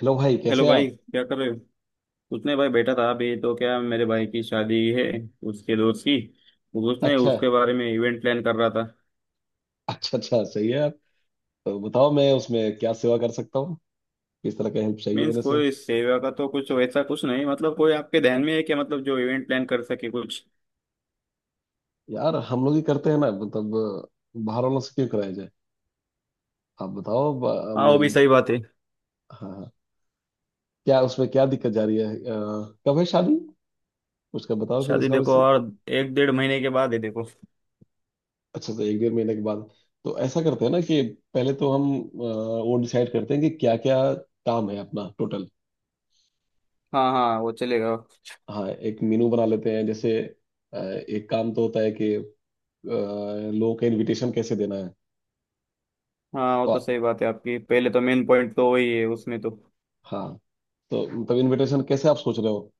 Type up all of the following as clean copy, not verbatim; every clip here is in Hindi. हेलो भाई, हेलो कैसे हैं भाई, आप? क्या कर रहे हो? उसने भाई बैठा था अभी तो, क्या मेरे भाई की शादी है, उसके दोस्त की तो उसने अच्छा। उसके बारे में इवेंट प्लान कर रहा था। अच्छा अच्छा, सही है आप। तो बताओ मैं उसमें क्या सेवा कर सकता हूँ। किस तरह का हेल्प चाहिए मीन्स मेरे से। कोई सेवा का तो कुछ वैसा कुछ नहीं, मतलब कोई आपके ध्यान में है क्या, मतलब जो इवेंट प्लान कर सके कुछ। यार, हम लोग ही करते हैं ना, मतलब। बाहर वालों से क्यों कराया जाए। आप बताओ, हाँ, वो मेरी। भी सही बात है। हाँ, हाँ। क्या उसमें क्या दिक्कत जा रही है? कब है शादी? उसका बताओ, फिर शादी उसका भी देखो, और एक 1.5 महीने के बाद है देखो। अच्छा, तो एक डेढ़ महीने के बाद। तो ऐसा करते हैं ना कि पहले तो हम वो डिसाइड करते हैं कि क्या क्या काम है अपना टोटल। हाँ हाँ, वो चलेगा। हाँ, एक मेनू बना लेते हैं। जैसे एक काम तो होता है कि लोगों का इनविटेशन कैसे देना है। हाँ, वो तो तो, सही बात है आपकी, पहले तो मेन पॉइंट तो वही है उसमें तो। हाँ। तो मतलब इनविटेशन कैसे आप सोच रहे हो?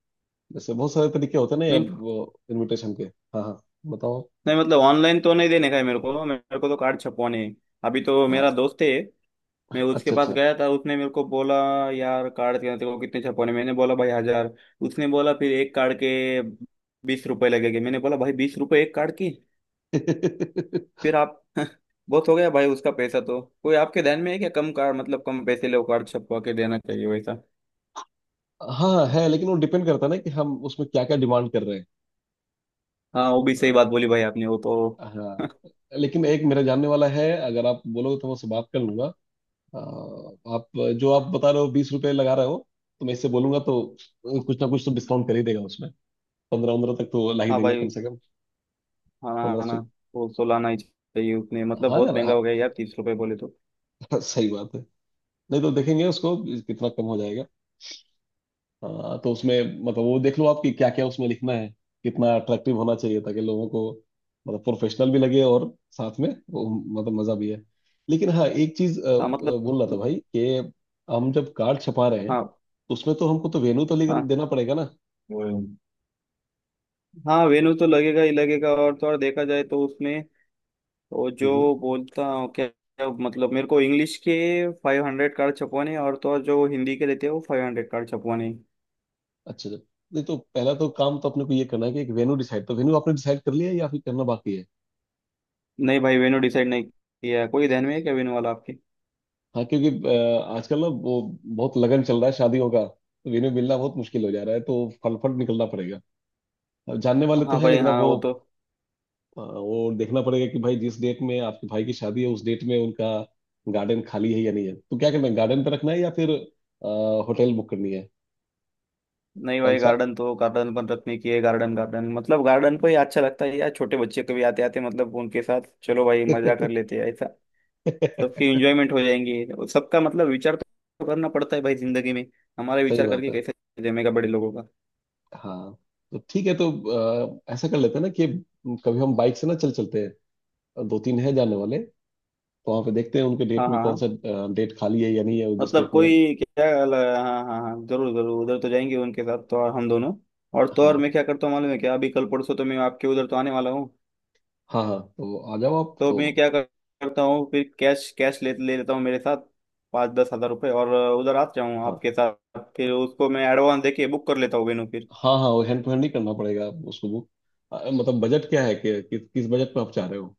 जैसे बहुत सारे तरीके होते हैं मेन ना। इनविटेशन के। हाँ, हाँ, बताओ। नहीं, मतलब ऑनलाइन तो नहीं देने का है, मेरे को तो कार्ड छपवाने हैं। अभी तो हाँ, मेरा दोस्त है, मैं उसके अच्छा पास अच्छा। गया था, उसने मेरे को बोला, यार कार्ड के तेरे को कितने छपवाने? मैंने बोला भाई 1000। उसने बोला फिर एक कार्ड के 20 रुपए लगेंगे। मैंने बोला भाई 20 रुपए एक कार्ड की? फिर आप बहुत हो गया भाई, उसका पैसा तो। कोई आपके ध्यान में है क्या, कम कार्ड मतलब कम पैसे ले, वो कार्ड छपवा के देना चाहिए वैसा। हाँ, है, लेकिन वो डिपेंड करता है ना कि हम उसमें क्या क्या डिमांड कर रहे हैं। हाँ वो भी सही बात बोली भाई आपने, वो तो। हाँ, लेकिन एक मेरा जानने वाला है। अगर आप बोलोगे तो मैं उससे बात कर लूंगा। अ, आप जो आप बता रहे हो 20 रुपए लगा रहे हो, तो मैं इससे बोलूंगा तो कुछ ना कुछ तो डिस्काउंट कर ही देगा उसमें। पंद्रह पंद्रह तक तो ला ही हाँ देंगे कम भाई, से कम। खाना पंद्रह आना सौ वो सो लाना ही चाहिए उसने, मतलब हाँ यार। बहुत महंगा हो गया यार, 30 रुपए बोले तो। हाँ, सही बात है। नहीं तो देखेंगे उसको, कितना कम हो जाएगा। हाँ, तो उसमें मतलब वो देख लो आपकी क्या क्या उसमें लिखना है। कितना अट्रैक्टिव होना चाहिए ताकि लोगों को मतलब प्रोफेशनल भी लगे, और साथ में वो, मतलब मजा भी है। लेकिन हाँ, एक चीज हाँ मतलब, बोल रहा था भाई कि हम जब कार्ड छपा रहे हैं हाँ तो उसमें तो हमको तो वेन्यू तो लेकर देना पड़ेगा ना। हाँ हाँ, वेन्यू तो लगेगा ही लगेगा, और तो और देखा जाए तो उसमें, वो जो हम्म। बोलता हूँ क्या क्या, मतलब मेरे को इंग्लिश के 500 कार्ड छपवाने हैं, और तो और जो हिंदी के रहते हैं वो 500 कार्ड छपवाने हैं। अच्छा अच्छा। नहीं तो पहला तो काम तो अपने को ये करना है कि एक वेन्यू डिसाइड। तो वेन्यू आपने डिसाइड कर लिया है या फिर करना बाकी है? नहीं भाई, वेन्यू डिसाइड नहीं किया है। कोई ध्यान में है क्या वेन्यू वाला आपके? हाँ, क्योंकि आजकल ना वो बहुत लगन चल रहा है शादियों का, तो इन्हें मिलना बहुत मुश्किल हो जा रहा है, तो फटाफट निकलना पड़ेगा। अब जानने वाले तो हाँ है, भाई लेकिन अब हाँ, वो वो तो। वो देखना पड़ेगा कि भाई जिस डेट में आपके भाई की शादी है, उस डेट में उनका गार्डन खाली है या नहीं है। तो क्या करना है, गार्डन पे रखना है या फिर होटल बुक करनी है? नहीं कौन भाई, सा। गार्डन तो गार्डन बन रखने की है, गार्डन गार्डन मतलब गार्डन को ही अच्छा लगता है यार, छोटे बच्चे कभी आते आते, मतलब उनके साथ चलो भाई मजा कर लेते हैं ऐसा। सही सबकी इंजॉयमेंट हो जाएंगी, और सबका मतलब विचार तो करना पड़ता है भाई जिंदगी में, हमारे विचार बात करके है। कैसे जमेगा बड़े लोगों का। हाँ, तो ठीक है। तो ऐसा कर लेते हैं ना कि कभी हम बाइक से ना चल चलते हैं। दो तीन है जाने वाले। तो वहाँ पे देखते हैं उनके डेट हाँ में हाँ कौन हाँ। सा डेट खाली है या नहीं है, जिस मतलब डेट में। कोई क्या, हाँ हाँ हाँ जरूर जरूर, उधर तो जाएंगे उनके साथ तो, और हम दोनों, और तो और हाँ, मैं क्या करता हूँ मालूम है क्या, अभी कल परसों तो मैं आपके उधर तो आने वाला हूँ। हाँ, हाँ, तो आ जाओ आप तो तो। करता हूँ फिर कैश कैश ले ले लेता हूँ मेरे साथ, 5-10 हजार रुपये, और उधर आ जाऊँ हाँ, आपके साथ, फिर उसको मैं एडवांस देके बुक कर लेता हूँ वेन्यू फिर। हाँ, हाँ, वो हैंड टू हैंड ही करना पड़ेगा उसको बुक। मतलब बजट क्या है कि किस बजट में आप चाह रहे हो?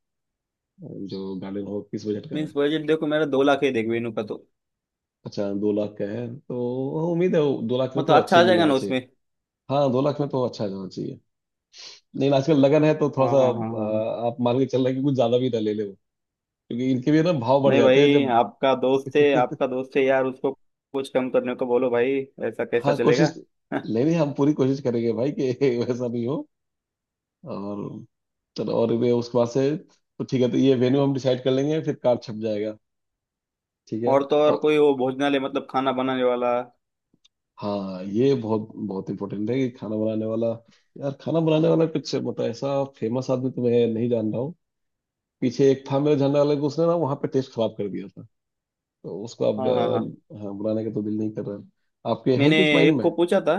जो गार्डन हो, किस बजट का है? मीन्स बजट देखो, मेरा 2 लाख है देख वेन्यू का तो। अच्छा, 2 लाख का है? तो उम्मीद है वो 2 लाख में मतलब तो अच्छा अच्छी आ मिल जाएगा जाना ना चाहिए। उसमें? हाँ, 2 लाख में तो अच्छा जाना चाहिए। नहीं, आजकल लगन है तो थोड़ा हाँ सा हाँ हाँ हाँ। आप मान के चल रहे हैं कि कुछ ज्यादा भी ना ले ले वो, क्योंकि इनके भी ना भाव बढ़ नहीं जाते हैं भाई, जब। आपका दोस्त है, आपका दोस्त है यार, उसको कुछ कम करने को बोलो भाई, ऐसा कैसा हाँ, चलेगा? कोशिश, नहीं नहीं, हम पूरी कोशिश करेंगे भाई कि वैसा नहीं हो। और चलो, और ये उसके बाद से। तो ठीक है, तो ये वेन्यू हम डिसाइड कर लेंगे, फिर कार्ड छप जाएगा। ठीक है। और तो और और कोई वो भोजनालय, मतलब खाना बनाने वाला। हाँ, ये बहुत बहुत इंपॉर्टेंट है कि खाना बनाने वाला। यार खाना बनाने वाला कुछ मतलब ऐसा फेमस आदमी तो मैं नहीं जान रहा हूँ। पीछे एक था मेरे जानने वाले को, उसने ना वहाँ पे टेस्ट खराब कर दिया था, तो उसको अब हाँ हाँ हाँ, हाँ, बुलाने का तो दिल नहीं कर रहा है। आपके है मैंने कुछ माइंड एक में? को पूछा था।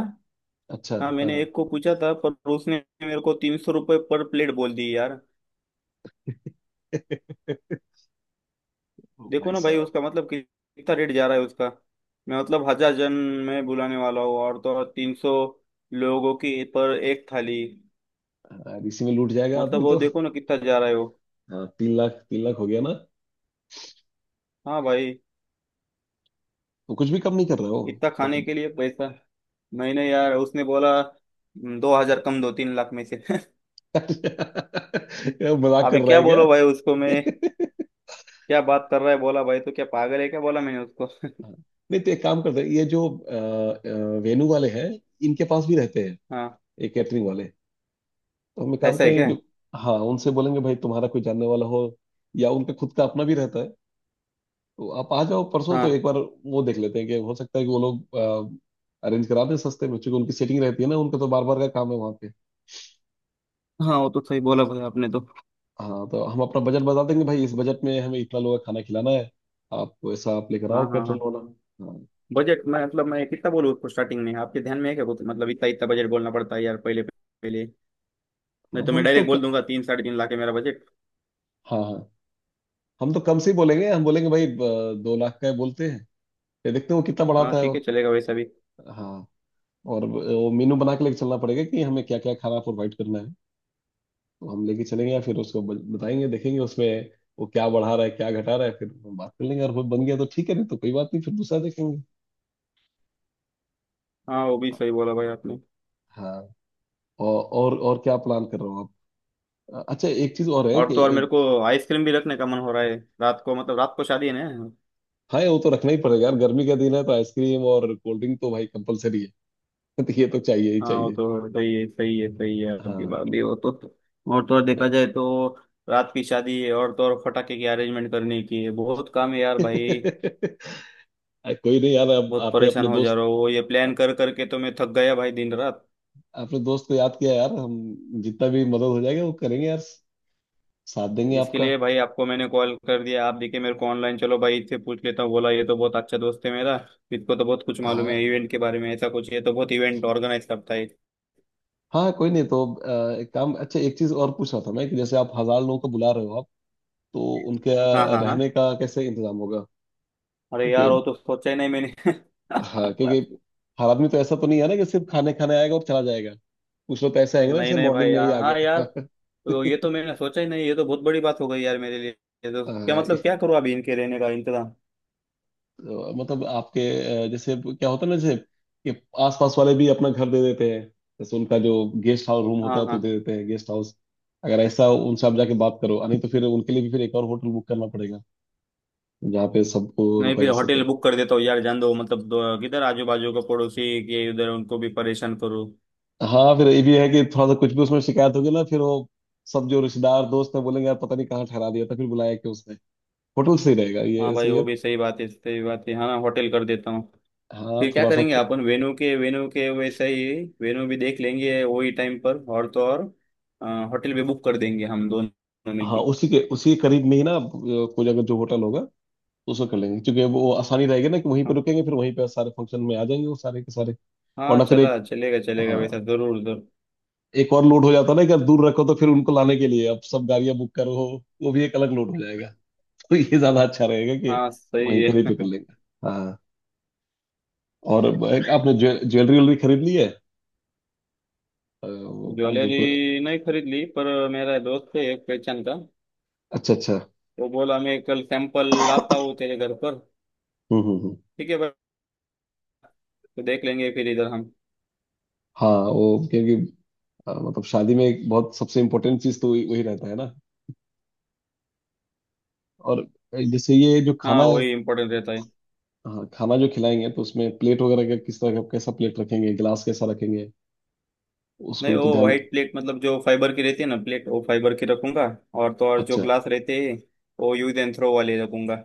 अच्छा। हाँ हाँ, मैंने हाँ। एक को पूछा था, पर उसने मेरे को 300 रुपये पर प्लेट बोल दी यार। ओ देखो भाई ना भाई साहब। उसका मतलब कितना रेट जा रहा है उसका। मैं मतलब 1000 जन में बुलाने वाला हूँ, और तो और 300 लोगों की पर एक थाली। हाँ, इसी में लूट जाएगा मतलब आदमी वो तो। देखो ना कितना जा रहा है वो। हाँ, 3 लाख 3 लाख हो गया ना। हाँ भाई, तो कुछ भी कम नहीं कर रहे हो? इतना खाने मतलब। के लिए पैसा। मैंने, यार उसने बोला, 2000 कम दो 3 लाख में से।" क्या मजाक कर अभी रहा क्या है बोलो भाई उसको मैं, क्या। क्या बात कर रहा है, बोला भाई तो क्या पागल है क्या, बोला मैंने उसको। नहीं तो एक काम करते हैं। ये जो वेनू वाले हैं इनके पास भी रहते हैं हाँ, ये कैटरिंग वाले। तो हम एक काम ऐसा है क्या? करेंगे कि हाँ उनसे बोलेंगे भाई, तुम्हारा कोई जानने वाला हो या उनका खुद का अपना भी रहता है, तो आप आ जाओ परसों तो एक हाँ बार। वो देख लेते हैं कि हो सकता है कि वो लोग अरेंज करा दें सस्ते में, क्योंकि उनकी सेटिंग रहती है ना, उनका तो बार बार का काम है वहाँ पे। हाँ, वो तो सही बोला भाई आपने तो। हाँ, तो हम अपना बजट बता देंगे भाई, इस बजट में हमें इतना लोगों का खाना खिलाना है। आप वैसा आप लेकर आओ हाँ हाँ कैटरल हाँ, वाला। हाँ। बजट मैं मतलब मैं कितना बोलूँ उसको स्टार्टिंग में, आपके ध्यान में है क्या कुछ, मतलब इतना इतना बजट बोलना पड़ता है यार पहले पहले? नहीं हाँ, तो मैं हम तो। डायरेक्ट बोल दूंगा 3, 3.5 लाख है मेरा बजट। हाँ, हाँ, हम तो कम से ही बोलेंगे। हम बोलेंगे भाई 2 लाख का है बोलते हैं, फिर देखते हैं वो कितना हाँ बढ़ाता है वो। ठीक है, चलेगा वैसा भी। हाँ। और वो मेनू बना के लेके चलना पड़ेगा कि हमें क्या क्या खाना प्रोवाइड करना है। तो हम लेके चलेंगे या फिर उसको बताएंगे, देखेंगे उसमें वो क्या बढ़ा रहा है, क्या घटा रहा है। फिर हम बात कर लेंगे और वो बन गया तो ठीक है, नहीं तो कोई बात नहीं, फिर दूसरा देखेंगे। हाँ वो भी हाँ। सही बोला भाई आपने। हाँ, और क्या प्लान कर रहे हो आप? अच्छा, एक चीज और है और तो कि और मेरे को आइसक्रीम भी रखने का मन हो रहा है, रात को, मतलब रात को शादी है ना। हाँ, वो तो रखना ही पड़ेगा यार, गर्मी का दिन है तो आइसक्रीम और कोल्ड ड्रिंक तो भाई कंपलसरी है। तो ये तो चाहिए ही हाँ वो चाहिए। तो सही है सही है सही है, आपकी बात हाँ। भी वो तो। और तो और देखा जाए तो रात की शादी है, और तो और फटाके की अरेंजमेंट करने की है, बहुत काम है यार भाई, अरे कोई नहीं यार, अब बहुत आपने परेशान अपने हो जा दोस्त रहा हूँ ये प्लान कर करके, तो मैं थक गया भाई दिन रात। अपने दोस्त को याद किया यार। हम जितना भी मदद हो जाएगा वो करेंगे यार। साथ देंगे इसके आपका। लिए भाई आपको मैंने कॉल कर दिया, आप देखे मेरे को ऑनलाइन, चलो भाई इससे पूछ लेता हूँ, बोला ये तो बहुत अच्छा दोस्त है मेरा, इसको तो बहुत कुछ मालूम हाँ, है इवेंट के बारे में, ऐसा कुछ, ये तो बहुत इवेंट ऑर्गेनाइज करता है। हाँ, कोई नहीं, तो एक काम। अच्छा, एक चीज और पूछ रहा था मैं कि जैसे आप 1000 लोगों को बुला रहे हो आप, तो उनके हाँ हाँ हाँ, रहने का कैसे इंतजाम होगा? अरे क्योंकि यार वो तो सोचा ही नहीं मैंने। हाँ, क्योंकि हर आदमी तो ऐसा तो नहीं है ना कि सिर्फ खाने खाने आएगा और चला जाएगा। कुछ लोग तो ऐसे आएंगे ना, नहीं जैसे नहीं भाई मॉर्निंग में ही यार, आ हाँ यार, तो ये तो मैंने सोचा ही नहीं, ये तो बहुत बड़ी बात हो गई यार मेरे लिए, ये तो क्या, गए। मतलब क्या करूँ अभी इनके रहने का इंतजाम। तो मतलब आपके जैसे क्या होता है ना, जैसे कि आसपास वाले भी अपना घर दे देते हैं। जैसे उनका जो गेस्ट हाउस रूम होता हाँ है तो हाँ, दे देते हैं गेस्ट हाउस। अगर ऐसा उनसे आप जाके बात करो, नहीं तो फिर उनके लिए भी फिर एक और होटल बुक करना पड़ेगा जहाँ पे सबको नहीं रुका फिर जा सके। होटल बुक कर देता हूँ यार, जान दो, मतलब दो, किधर आजू बाजू का पड़ोसी के उधर उनको भी परेशान करूँ। हाँ, फिर ये भी है कि थोड़ा सा कुछ भी उसमें शिकायत होगी ना, फिर वो सब जो रिश्तेदार दोस्त है बोलेंगे यार पता नहीं कहाँ ठहरा दिया था, फिर बुलाया क्यों उसने। होटल सही रहेगा, हाँ ये भाई, सही वो है। भी सही बात है सही बात है, हाँ होटल कर देता हूँ। हाँ, फिर क्या थोड़ा सा करेंगे अपन, वेन्यू के वैसे ही वेन्यू भी देख लेंगे वही टाइम पर, और तो और होटल भी बुक कर देंगे हम दोनों हाँ, मिलके। उसी के करीब में ही ना कोई अगर जो होटल होगा उसको कर लेंगे, क्योंकि वो आसानी रहेगी ना कि वहीं पे हाँ रुकेंगे फिर वहीं पे सारे फंक्शन में आ जाएंगे वो सारे के सारे। हाँ, वरना फिर चला एक, चलेगा चलेगा वैसा, हाँ, जरूर जरूर। एक और लोड हो जाता है ना कि अगर दूर रखो तो फिर उनको लाने के लिए अब सब गाड़ियां बुक करो, वो भी एक अलग लोड हो जाएगा। तो ये ज्यादा अच्छा रहेगा कि हाँ वहीं सही करीब पे है। कर लेंगे। हाँ। और एक आपने ज्वेलरी व्वेलरी खरीद ली है? वो जो ज्वेलरी कोई। नहीं खरीद ली, पर मेरा दोस्त है एक पहचान का, अच्छा अच्छा। वो बोला मैं कल सैंपल लाता हूँ तेरे घर पर। हम्म हम्म हम्म। ठीक है भाई, तो देख लेंगे फिर इधर हम। हाँ, वो क्योंकि मतलब शादी में एक बहुत सबसे इम्पोर्टेंट चीज तो वही वही रहता है ना। और जैसे ये जो हाँ खाना, वही इम्पोर्टेंट रहता है। हाँ खाना जो खिलाएंगे तो उसमें प्लेट वगैरह का किस तरह का कैसा प्लेट रखेंगे, गिलास कैसा रखेंगे, उसको नहीं, भी तो वो ध्यान। व्हाइट प्लेट, मतलब जो फाइबर की रहती है ना प्लेट, वो फाइबर की रखूंगा, और तो और जो अच्छा ग्लास रहते हैं वो यूज एंड थ्रो वाले रखूंगा।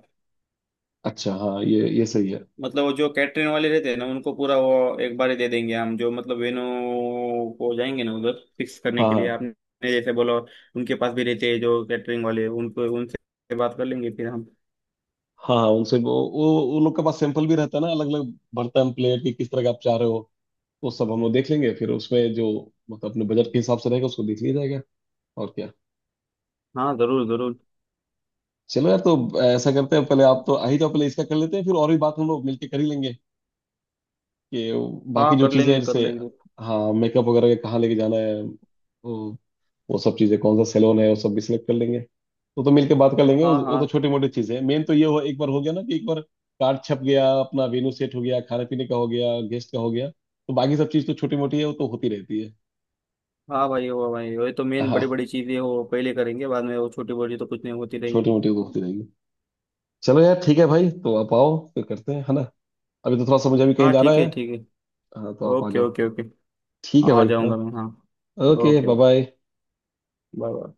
अच्छा। हाँ, ये सही है। मतलब वो जो कैटरिंग वाले रहते हैं ना, उनको पूरा वो एक बार ही दे देंगे हम, जो मतलब वेन्यू को जाएंगे ना उधर फिक्स करने हाँ, के हाँ, लिए आपने जैसे बोला, उनके पास भी रहते हैं जो कैटरिंग वाले, उनको उनसे बात कर लेंगे फिर हम। हाँ, हाँ, उनसे वो लोग के पास सैंपल भी रहता है ना अलग अलग बर्तन प्लेट की किस तरह का आप चाह रहे हो। वो सब हम लोग देख लेंगे फिर उसमें जो मतलब अपने बजट के हिसाब से रहेगा उसको देख लिया जाएगा। और क्या। हाँ जरूर जरूर। चलो यार, तो ऐसा करते हैं पहले आप तो आ ही जाओ, पहले इसका कर लेते हैं, फिर और भी बात हम लोग मिलके कर ही लेंगे कि बाकी हाँ, जो कर चीज़ें हैं, लेंगे कर जैसे लेंगे। हाँ मेकअप वगैरह का कहाँ लेके जाना है, वो सब चीजें, कौन सा सैलून है, वो सब भी सिलेक्ट कर लेंगे। वो तो मिलके बात कर लेंगे। वो हाँ वो तो हाँ, छोटी मोटी चीजें हैं, मेन तो ये। हो एक बार हो गया ना कि एक बार कार्ड छप गया, अपना वेन्यू सेट हो गया, खाने पीने का हो गया, गेस्ट का हो गया, तो बाकी सब चीज तो छोटी मोटी है, वो तो होती रहती है। हाँ भाई वो भाई वही तो मेन बड़ी हाँ, बड़ी चीजें वो पहले करेंगे, बाद में वो छोटी मोटी तो कुछ नहीं, होती छोटी रहेंगी। मोटी तो होती रहेगी। चलो यार ठीक है भाई, तो आप आओ फिर करते हैं, है ना। अभी तो थोड़ा सा मुझे अभी कहीं हाँ जाना ठीक है। है ठीक है। हाँ, तो आप आ ओके जाओ। Okay okay. ठीक है आ भाई। जाऊंगा हाँ, मैं, हाँ। Okay, okay bye okay. Bye. Bye bye.